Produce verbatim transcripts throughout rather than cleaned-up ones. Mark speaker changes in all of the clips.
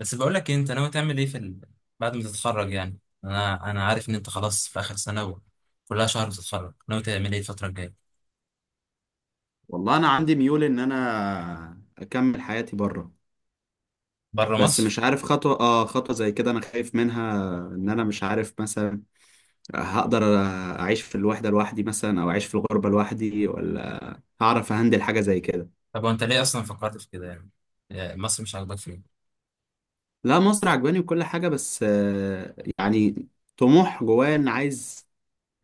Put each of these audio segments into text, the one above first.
Speaker 1: بس بقول لك إيه، انت ناوي تعمل ايه في ال... بعد ما تتخرج يعني. انا انا عارف ان انت خلاص في اخر سنه وكلها شهر بتتخرج، ناوي تعمل ايه الفتره الجايه؟
Speaker 2: والله انا عندي ميول ان انا اكمل حياتي بره.
Speaker 1: بره
Speaker 2: بس
Speaker 1: مصر.
Speaker 2: مش عارف خطوة اه خطوة زي كده انا خايف منها، ان انا مش عارف مثلا هقدر اعيش في الوحدة لوحدي مثلا، او اعيش في الغربة لوحدي، ولا هعرف اهندل حاجة زي كده.
Speaker 1: طب وانت ليه اصلا فكرت في كده يعني؟ يعني مصر مش عاجباك فين؟
Speaker 2: لا، مصر عجباني وكل حاجة، بس آه، يعني طموح جوايا ان عايز،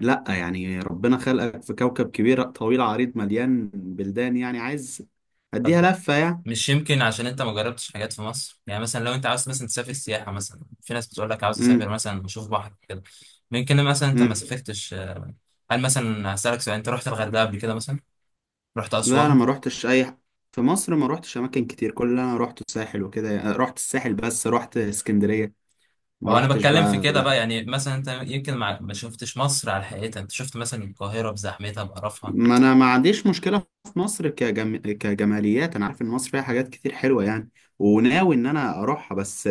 Speaker 2: لا يعني ربنا خلقك في كوكب كبير طويل عريض مليان بلدان، يعني عايز اديها
Speaker 1: طب
Speaker 2: لفة يعني.
Speaker 1: مش يمكن عشان انت ما جربتش حاجات في مصر؟ يعني مثلا لو انت عاوز مثلا تسافر سياحه، مثلا في ناس بتقول لك عاوز اسافر
Speaker 2: امم.
Speaker 1: مثلا اشوف بحر كده. يمكن مثلا انت ما
Speaker 2: امم.
Speaker 1: سافرتش آه، هل مثلا، هسألك سؤال، انت رحت الغردقه قبل كده مثلا؟ رحت
Speaker 2: لا انا
Speaker 1: اسوان؟
Speaker 2: ما روحتش اي ح- في مصر ما روحتش اماكن كتير، كل اللي انا روحته الساحل وكده، رحت الساحل بس، رحت اسكندرية،
Speaker 1: ما
Speaker 2: ما
Speaker 1: هو انا
Speaker 2: روحتش
Speaker 1: بتكلم في
Speaker 2: بقى
Speaker 1: كده بقى.
Speaker 2: لا.
Speaker 1: يعني مثلا انت يمكن مع... ما شفتش مصر على حقيقتها، انت شفت مثلا القاهرة بزحمتها بقرفها.
Speaker 2: ما انا ما عنديش مشكلة في مصر كجم... كجماليات، انا عارف ان مصر فيها حاجات كتير حلوة يعني، وناوي ان انا اروحها. بس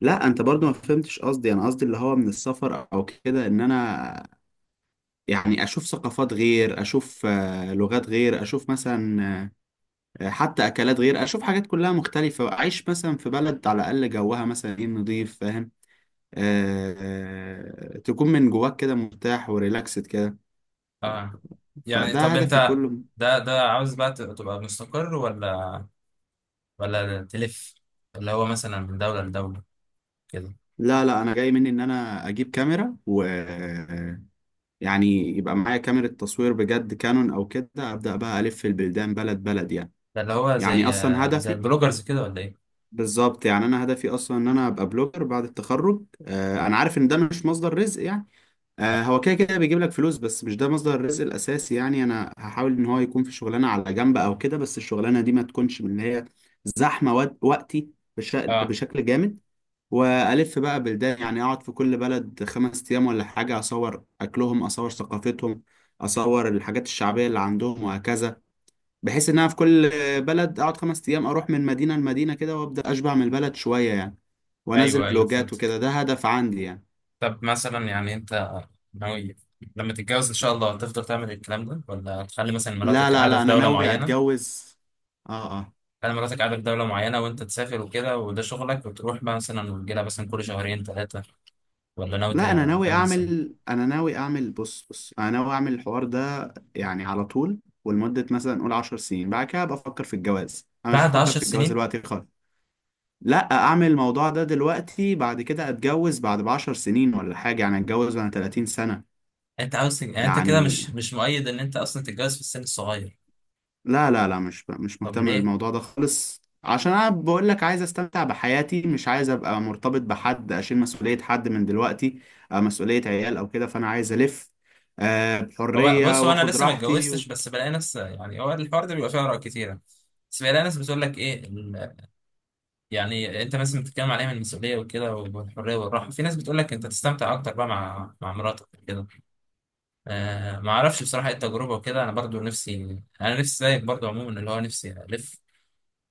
Speaker 2: لا، انت برضو ما فهمتش قصدي، انا قصدي اللي هو من السفر او كده، ان انا يعني اشوف ثقافات غير، اشوف آه، لغات غير، اشوف مثلا آه، حتى اكلات غير، اشوف حاجات كلها مختلفة، اعيش مثلا في بلد على الاقل جوها مثلا ايه نضيف، آه، تكون من جواك كده مرتاح وريلاكسد كده.
Speaker 1: اه يعني،
Speaker 2: فده
Speaker 1: طب
Speaker 2: هدفي
Speaker 1: انت
Speaker 2: كله.
Speaker 1: ده ده عاوز بقى ت- تبقى مستقر ولا ولا تلف، اللي هو مثلا من دولة لدولة كده؟
Speaker 2: لا لا، انا جاي مني ان انا اجيب كاميرا و يعني يبقى معايا كاميرا تصوير بجد، كانون او كده، ابدا بقى الف البلدان بلد بلد يعني،
Speaker 1: ده اللي هو
Speaker 2: يعني
Speaker 1: زي
Speaker 2: اصلا
Speaker 1: زي
Speaker 2: هدفي.
Speaker 1: البلوجرز كده ولا ايه؟
Speaker 2: بالظبط، يعني انا هدفي اصلا ان انا ابقى بلوجر بعد التخرج. آه، انا عارف ان ده مش مصدر رزق يعني، آه، هو كده كده بيجيب لك فلوس، بس مش ده مصدر الرزق الاساسي. يعني انا هحاول ان هو يكون في شغلانه على جنب او كده، بس الشغلانه دي ما تكونش من اللي هي زحمه وقت- وقتي بش-
Speaker 1: اه.
Speaker 2: بشكل جامد. والف بقى بلدان، يعني اقعد في كل بلد خمس ايام ولا حاجه، اصور اكلهم، اصور ثقافتهم، اصور الحاجات الشعبيه اللي عندهم، وهكذا. بحيث ان انا في كل بلد اقعد خمس ايام، اروح من مدينه لمدينه كده، وابدا اشبع من البلد شويه يعني،
Speaker 1: ايوه
Speaker 2: وانزل
Speaker 1: ايوه
Speaker 2: فلوجات
Speaker 1: فهمتك.
Speaker 2: وكده. ده هدف عندي يعني.
Speaker 1: طب مثلا يعني انت ناوي لما تتجوز ان شاء الله تفضل تعمل الكلام ده، ولا تخلي مثلا
Speaker 2: لا
Speaker 1: مراتك
Speaker 2: لا
Speaker 1: قاعدة
Speaker 2: لا،
Speaker 1: في
Speaker 2: انا
Speaker 1: دولة
Speaker 2: ناوي
Speaker 1: معينة؟
Speaker 2: اتجوز. اه اه.
Speaker 1: انا مراتك قاعده في دوله معينه وانت تسافر وكده وده شغلك، وتروح بقى مثلا وتجيلها مثلا كل شهرين ثلاثه، ولا ناوي ت-
Speaker 2: لا، انا ناوي
Speaker 1: تعمل ازاي؟
Speaker 2: اعمل انا ناوي اعمل، بص بص انا ناوي اعمل الحوار ده يعني على طول. ولمدة مثلا نقول عشر سنين، بعد كده بفكر في الجواز. انا مش
Speaker 1: بعد
Speaker 2: بفكر
Speaker 1: عشر
Speaker 2: في الجواز
Speaker 1: سنين؟
Speaker 2: دلوقتي خالص. لا اعمل الموضوع ده دلوقتي، بعد كده اتجوز بعد ب عشر سنين ولا حاجة، يعني اتجوز وانا ثلاثين سنة
Speaker 1: انت عاوز تج- يعني انت كده
Speaker 2: يعني.
Speaker 1: مش مش مؤيد ان انت اصلا تتجوز في السن الصغير؟
Speaker 2: لا لا لا، مش مش
Speaker 1: طب
Speaker 2: مهتم
Speaker 1: ليه؟
Speaker 2: بالموضوع ده خالص، عشان انا بقول لك عايز استمتع بحياتي، مش عايز ابقى مرتبط بحد، اشيل مسؤولية حد من دلوقتي، آه، مسؤولية عيال او كده. فانا عايز الف آه،
Speaker 1: هو
Speaker 2: بحرية،
Speaker 1: بص، هو انا
Speaker 2: واخد
Speaker 1: لسه ما
Speaker 2: راحتي و...
Speaker 1: اتجوزتش، بس بلاقي ناس يعني هو الحوار ده بيبقى فيه اراء كتيره. بس بلاقي ناس بتقول لك ايه ال- يعني انت مثلا بتتكلم عليها من المسؤوليه وكده والحريه والراحه، في ناس بتقول لك انت تستمتع اكتر بقى مع مع مراتك كده. آه ما اعرفش بصراحه ايه التجربه وكده. انا برضو نفسي، انا نفسي زيك برضو عموما، اللي هو نفسي الف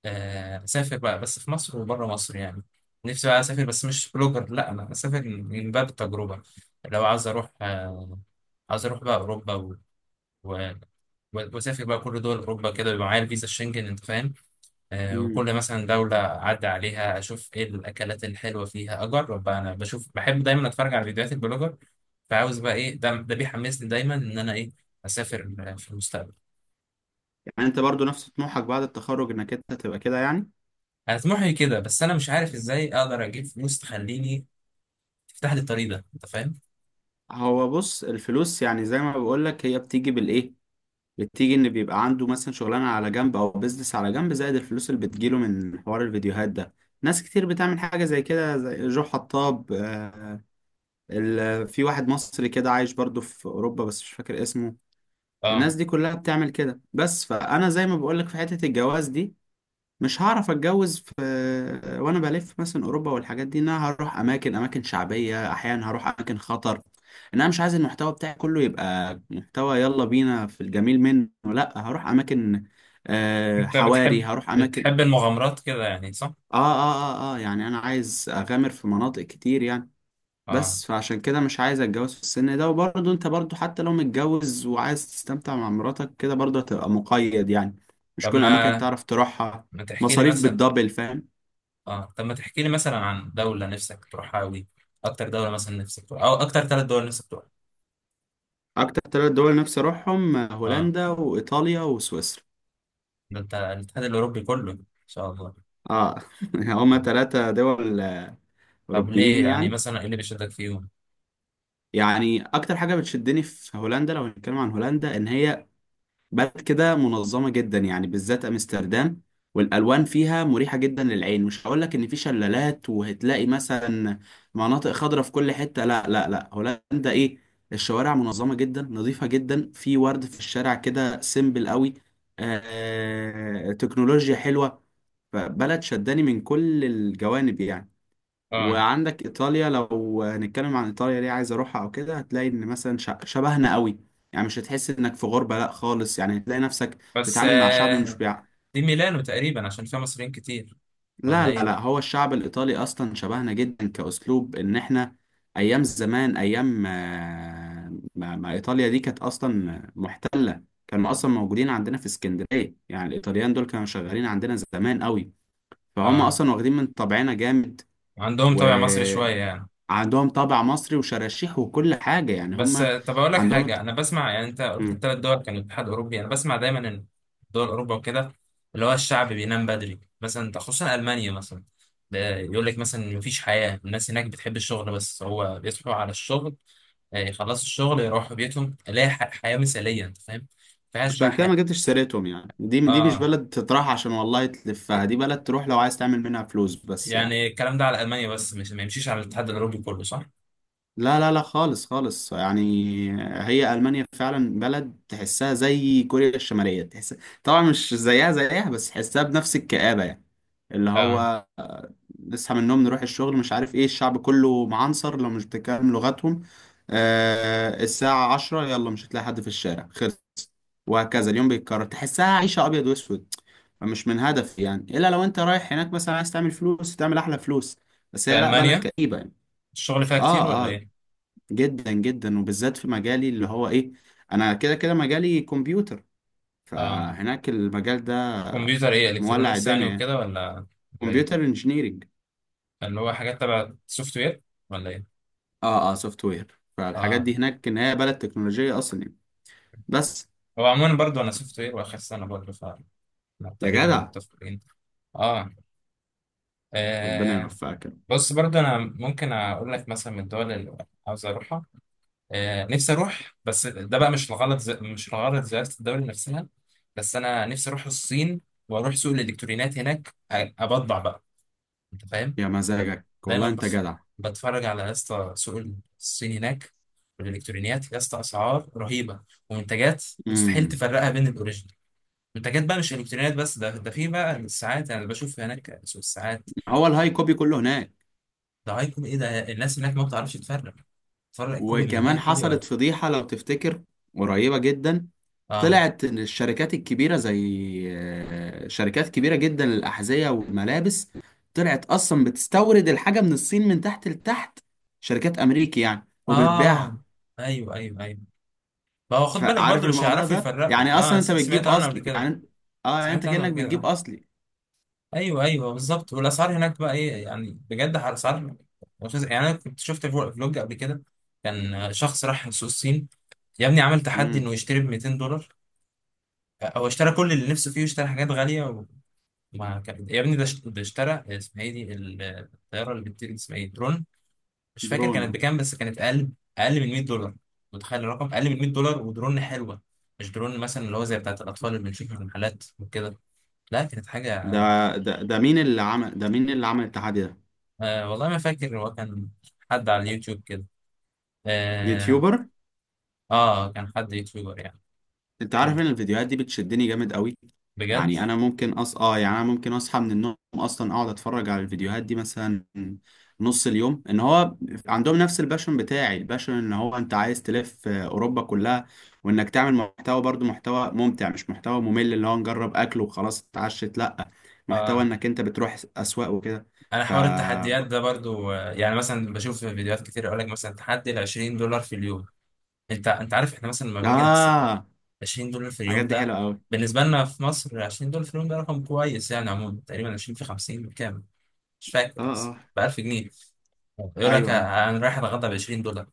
Speaker 1: آه اسافر بقى بس في مصر وبره مصر يعني. نفسي بقى اسافر بس مش بلوجر، لا انا اسافر من باب التجربه. لو عاوز اروح آه عاوز اروح بقى اوروبا و... و... واسافر بقى كل دول اوروبا كده، يبقى معايا الفيزا الشنجن انت فاهم؟ آه،
Speaker 2: مم.
Speaker 1: وكل مثلا دولة أعدي عليها أشوف إيه الأكلات الحلوة فيها، أجرب بقى. أنا بشوف، بحب دايما أتفرج على فيديوهات البلوجر. فعاوز بقى إيه، ده ده بيحمسني دايما إن أنا إيه أسافر آه، في المستقبل.
Speaker 2: يعني انت برضو نفس طموحك بعد التخرج، انك انت تبقى كده يعني.
Speaker 1: أنا طموحي كده، بس أنا مش عارف إزاي أقدر أجيب فلوس تخليني، تفتح لي الطريق ده أنت فاهم؟
Speaker 2: هو بص، الفلوس يعني زي ما بقول لك هي بتيجي بالايه، بتيجي ان بيبقى عنده مثلا شغلانة على جنب، او بيزنس على جنب، زائد الفلوس اللي بتجيله من حوار الفيديوهات ده. ناس كتير بتعمل حاجة زي كده، زي جو حطاب. ال- في واحد مصري كده عايش برضو في اوروبا بس مش فاكر اسمه.
Speaker 1: آه.
Speaker 2: الناس دي كلها بتعمل كده. بس فانا زي ما بقولك في حتة الجواز دي، مش هعرف اتجوز في وانا بلف مثلا اوروبا والحاجات دي، ان انا هروح اماكن، اماكن شعبية، احيانا هروح اماكن خطر. ان انا مش عايز المحتوى بتاعي كله يبقى محتوى يلا بينا في الجميل منه، لا، هروح اماكن آه،
Speaker 1: أنت
Speaker 2: حواري،
Speaker 1: بتحب
Speaker 2: هروح اماكن.
Speaker 1: بتحب المغامرات كده يعني صح؟
Speaker 2: اه اه. اه اه، يعني انا عايز اغامر في مناطق كتير يعني.
Speaker 1: آه.
Speaker 2: بس فعشان كده مش عايز اتجوز في السن ده. وبرضه انت برضه حتى لو متجوز وعايز تستمتع مع مراتك كده، برضه هتبقى مقيد يعني، مش
Speaker 1: طب
Speaker 2: كل الاماكن
Speaker 1: ما
Speaker 2: تعرف تروحها.
Speaker 1: ما تحكي لي
Speaker 2: مصاريف
Speaker 1: مثلا،
Speaker 2: بالدبل، فاهم.
Speaker 1: آه طب ما تحكي لي مثلا عن دولة نفسك تروحها أوي. أكتر دولة مثلا نفسك تروحها، أو أكتر ثلاث دول نفسك تروحها.
Speaker 2: اكتر ثلاث دول نفسي اروحهم
Speaker 1: آه.
Speaker 2: هولندا وايطاليا وسويسرا.
Speaker 1: ده انت الاتحاد الاوروبي كله ان شاء الله.
Speaker 2: اه هما ثلاثة دول
Speaker 1: طب ليه؟
Speaker 2: اوروبيين
Speaker 1: يعني
Speaker 2: يعني.
Speaker 1: مثلا ايه اللي بيشدك فيهم؟
Speaker 2: يعني اكتر حاجة بتشدني في هولندا، لو هنتكلم عن هولندا، ان هي بلد كده منظمة جدا يعني، بالذات أمستردام. والألوان فيها مريحة جدا للعين. مش هقول لك إن في شلالات وهتلاقي مثلا مناطق خضراء في كل حتة، لا لا لا. هولندا إيه، الشوارع منظمة جدا، نظيفة جدا، في ورد في الشارع كده، سيمبل قوي، آه، آه، تكنولوجيا حلوة. فبلد شداني من كل الجوانب يعني.
Speaker 1: اه.
Speaker 2: وعندك ايطاليا، لو هنتكلم عن ايطاليا ليه عايز اروحها او كده، هتلاقي ان مثلا ش- شبهنا قوي يعني. مش هتحس انك في غربة لا خالص، يعني تلاقي نفسك
Speaker 1: بس
Speaker 2: بتتعامل مع شعب مش
Speaker 1: آه،
Speaker 2: بيع.
Speaker 1: دي ميلانو تقريبا عشان فيها مصريين كتير،
Speaker 2: لا
Speaker 1: ولا
Speaker 2: لا لا،
Speaker 1: ايه؟
Speaker 2: هو الشعب الايطالي اصلا شبهنا جدا كاسلوب. ان احنا ايام زمان، ايام آه، ما ما ايطاليا دي كانت اصلا محتلة، كانوا اصلا موجودين عندنا في اسكندرية يعني. الايطاليان دول كانوا شغالين عندنا زمان قوي، فهم
Speaker 1: اه،
Speaker 2: اصلا واخدين من طبعنا جامد.
Speaker 1: عندهم
Speaker 2: و
Speaker 1: طابع مصري شويه يعني.
Speaker 2: عندهم طابع مصري وشراشيح وكل حاجة يعني.
Speaker 1: بس
Speaker 2: هم
Speaker 1: آه، طب اقول لك
Speaker 2: عندهم
Speaker 1: حاجه،
Speaker 2: الت-
Speaker 1: انا بسمع، يعني انت قلت
Speaker 2: مم.
Speaker 1: الثلاث دول كانوا اتحاد اوروبي، انا بسمع دايما ان دول اوروبا وكده، اللي هو الشعب بينام بدري مثلا، ده خصوصا المانيا مثلا. ب- يقول لك مثلا إن مفيش حياه، الناس هناك بتحب الشغل، بس هو بيصحوا على الشغل آه، يخلصوا الشغل يروحوا بيتهم، الاقي ح- حياه مثاليه انت فاهم، مفيهاش بقى
Speaker 2: عشان كده
Speaker 1: حياه.
Speaker 2: ما جبتش سيرتهم يعني. دي دي مش
Speaker 1: اه
Speaker 2: بلد تطرح عشان والله تلفها، دي بلد تروح لو عايز تعمل منها فلوس بس يعني.
Speaker 1: يعني الكلام ده على المانيا بس، مش ما يمشيش على الاتحاد الاوروبي كله صح؟
Speaker 2: لا لا لا، خالص خالص يعني. هي ألمانيا فعلا بلد تحسها زي كوريا الشمالية، تحس طبعا مش زيها زيها، بس تحسها بنفس الكآبة يعني. اللي
Speaker 1: اه.
Speaker 2: هو نصحى من النوم، نروح الشغل، مش عارف ايه، الشعب كله معنصر لو مش بتتكلم لغتهم، آه، الساعة عشرة يلا مش هتلاقي حد في الشارع، خلص. وهكذا اليوم بيتكرر، تحسها عيشة أبيض وأسود. مش من هدف يعني، إلا لو أنت رايح هناك مثلا عايز تعمل فلوس، تعمل أحلى فلوس. بس
Speaker 1: في
Speaker 2: هي لأ، بلد
Speaker 1: المانيا
Speaker 2: كئيبة يعني.
Speaker 1: الشغل فيها كتير ولا
Speaker 2: آه آه،
Speaker 1: ايه؟
Speaker 2: جدا جدا، وبالذات في مجالي اللي هو إيه، أنا كده كده مجالي كمبيوتر،
Speaker 1: اه.
Speaker 2: فهناك المجال ده
Speaker 1: كمبيوتر ايه،
Speaker 2: مولع
Speaker 1: الكترونيكس يعني
Speaker 2: الدنيا يعني.
Speaker 1: وكده ولا ولا
Speaker 2: كمبيوتر
Speaker 1: ايه؟
Speaker 2: انجينيرنج.
Speaker 1: اللي هو حاجات تبع سوفت وير ولا ايه؟
Speaker 2: اه اه، سوفت وير. فالحاجات
Speaker 1: اه.
Speaker 2: دي هناك، ان هي بلد تكنولوجية اصلا يعني. بس
Speaker 1: هو عموما برضه انا سوفت وير واخر سنه برضه، فاحنا
Speaker 2: يا
Speaker 1: تقريبا
Speaker 2: جدع،
Speaker 1: متفقين. آه.
Speaker 2: ربنا
Speaker 1: اه.
Speaker 2: يوفقك يا رب.
Speaker 1: بص برضه انا ممكن اقول لك مثلا من الدول اللي عاوز اروحها، آه. نفسي اروح، بس ده بقى مش الغلط ز... مش الغرض زيارة الدولة نفسها، بس انا نفسي اروح الصين واروح سوق الالكترونيات هناك، أ- ابضع بقى انت فاهم؟
Speaker 2: يا
Speaker 1: لا.
Speaker 2: مزاجك
Speaker 1: دايما
Speaker 2: والله، انت
Speaker 1: بس
Speaker 2: جدع.
Speaker 1: بتفرج على يا اسطى سوق الصين هناك، والالكترونيات يا اسطى اسعار رهيبه، ومنتجات مستحيل
Speaker 2: امم.
Speaker 1: تفرقها بين الاوريجينال. منتجات بقى مش الكترونيات بس، ده ده في بقى الساعات، انا بشوف هناك سوق الساعات.
Speaker 2: هو الهاي كوبي كله هناك.
Speaker 1: ده هاي كوبي ايه، ده الناس هناك ما بتعرفش تفرق، تفرق كوبي من هاي
Speaker 2: وكمان
Speaker 1: كوبي
Speaker 2: حصلت
Speaker 1: ولا؟
Speaker 2: فضيحة لو تفتكر، قريبة جدا.
Speaker 1: اه
Speaker 2: طلعت ان الشركات الكبيرة، زي آه، شركات كبيرة جدا للأحذية والملابس، طلعت اصلا بتستورد الحاجة من الصين من تحت لتحت. شركات امريكي يعني، وبتبيعها.
Speaker 1: اه. ايوه ايوه ايوه. ما هو خد بالك
Speaker 2: فعارف
Speaker 1: برضو مش
Speaker 2: الموضوع
Speaker 1: هيعرفوا
Speaker 2: ده
Speaker 1: يفرقوا،
Speaker 2: يعني.
Speaker 1: اه
Speaker 2: اصلا
Speaker 1: س-
Speaker 2: انت
Speaker 1: سمعت
Speaker 2: بتجيب
Speaker 1: عنه قبل
Speaker 2: اصل
Speaker 1: كده.
Speaker 2: يعني، اه يعني انت
Speaker 1: سمعت عنه قبل
Speaker 2: كأنك
Speaker 1: كده
Speaker 2: بتجيب
Speaker 1: آه.
Speaker 2: اصلي.
Speaker 1: ايوه ايوه بالظبط. والاسعار هناك بقى ايه يعني، بجد اسعار مش عايز- يعني انا كنت شفت فلو- فلوج قبل كده، كان شخص راح سوق الصين، يا ابني عمل تحدي
Speaker 2: امم.
Speaker 1: انه يشتري ب مائتين دولار. هو اشترى كل اللي نفسه فيه واشترى حاجات غاليه، وما كان يا ابني ده اشت- ده اشترى، اسمها ايه دي الطياره اللي بتطير دي، اسمها ايه، درون. مش فاكر كانت
Speaker 2: درون.
Speaker 1: بكام، بس كانت اقل، اقل من مئة دولار. متخيل الرقم، اقل من مئة دولار، ودرون حلوه، مش درون مثلا اللي هو زي بتاعت الاطفال اللي بنشوفها في المحلات وكده، لا كانت
Speaker 2: ده
Speaker 1: حاجه.
Speaker 2: ده ده مين اللي عمل ده، مين اللي عمل التحدي ده؟
Speaker 1: آه والله ما فاكر، هو كان حد على اليوتيوب كده آه,
Speaker 2: يوتيوبر.
Speaker 1: اه كان حد يوتيوبر يعني.
Speaker 2: انت عارف
Speaker 1: ال-
Speaker 2: ان الفيديوهات دي بتشدني جامد قوي
Speaker 1: بجد.
Speaker 2: يعني. انا ممكن أص... اه يعني انا ممكن اصحى من النوم اصلا، اقعد اتفرج على الفيديوهات دي مثلا نص اليوم. ان هو عندهم نفس الباشون بتاعي. الباشون ان هو انت عايز تلف آه، اوروبا كلها، وانك تعمل محتوى برضو، محتوى ممتع، مش محتوى ممل اللي هو نجرب اكل وخلاص اتعشت لا، محتوى
Speaker 1: اه.
Speaker 2: انك انت بتروح اسواق وكده.
Speaker 1: انا
Speaker 2: ف
Speaker 1: حوار التحديات ده برضو آه يعني مثلا بشوف في فيديوهات كتير، يقول لك مثلا تحدي ال عشرين دولار في اليوم. انت انت عارف احنا مثلا لما بنيجي نحسب
Speaker 2: اه،
Speaker 1: عشرين دولار في
Speaker 2: الحاجات
Speaker 1: اليوم
Speaker 2: دي
Speaker 1: ده،
Speaker 2: حلوه قوي.
Speaker 1: بالنسبه لنا في مصر عشرين دولار في اليوم ده رقم كويس يعني. عموما تقريبا عشرين في خمسين بكام، مش فاكر،
Speaker 2: اه
Speaker 1: بس
Speaker 2: اه.
Speaker 1: ب ألف جنيه. يقول لك
Speaker 2: ايوه ايوه.
Speaker 1: آه، انا رايح اتغدى ب عشرين دولار،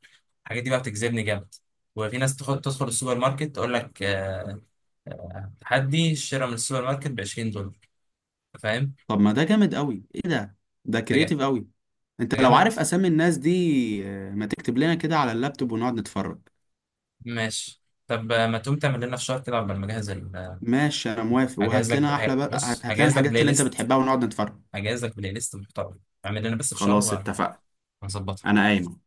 Speaker 1: الحاجات دي بقى بتجذبني جامد. وفي ناس تخ- تدخل السوبر ماركت تقول لك آه، تحدي الشراء من السوبر ماركت ب عشرين دولار فاهم؟
Speaker 2: طب ما ده جامد قوي، ايه ده؟ ده
Speaker 1: ده جامد.
Speaker 2: كرييتيف قوي.
Speaker 1: ده
Speaker 2: انت لو
Speaker 1: جامد.
Speaker 2: عارف اسامي الناس دي آه، ما تكتب لنا كده على اللابتوب ونقعد نتفرج.
Speaker 1: ماشي. طب آه، ما تقوم تعمل لنا فشار كده قبل ما اجهز ال- آه،
Speaker 2: ماشي، انا موافق،
Speaker 1: هجهز
Speaker 2: وهات لنا
Speaker 1: لك
Speaker 2: احلى
Speaker 1: ه-
Speaker 2: بقى،
Speaker 1: بص
Speaker 2: هات هات لنا
Speaker 1: هجهز لك
Speaker 2: الحاجات
Speaker 1: بلاي
Speaker 2: اللي انت
Speaker 1: ليست،
Speaker 2: بتحبها، ونقعد نتفرج.
Speaker 1: هجهز لك بلاي ليست محترم، اعمل لنا بس
Speaker 2: خلاص
Speaker 1: فشار
Speaker 2: اتفقنا. انا
Speaker 1: وهنظبطها.
Speaker 2: قايم.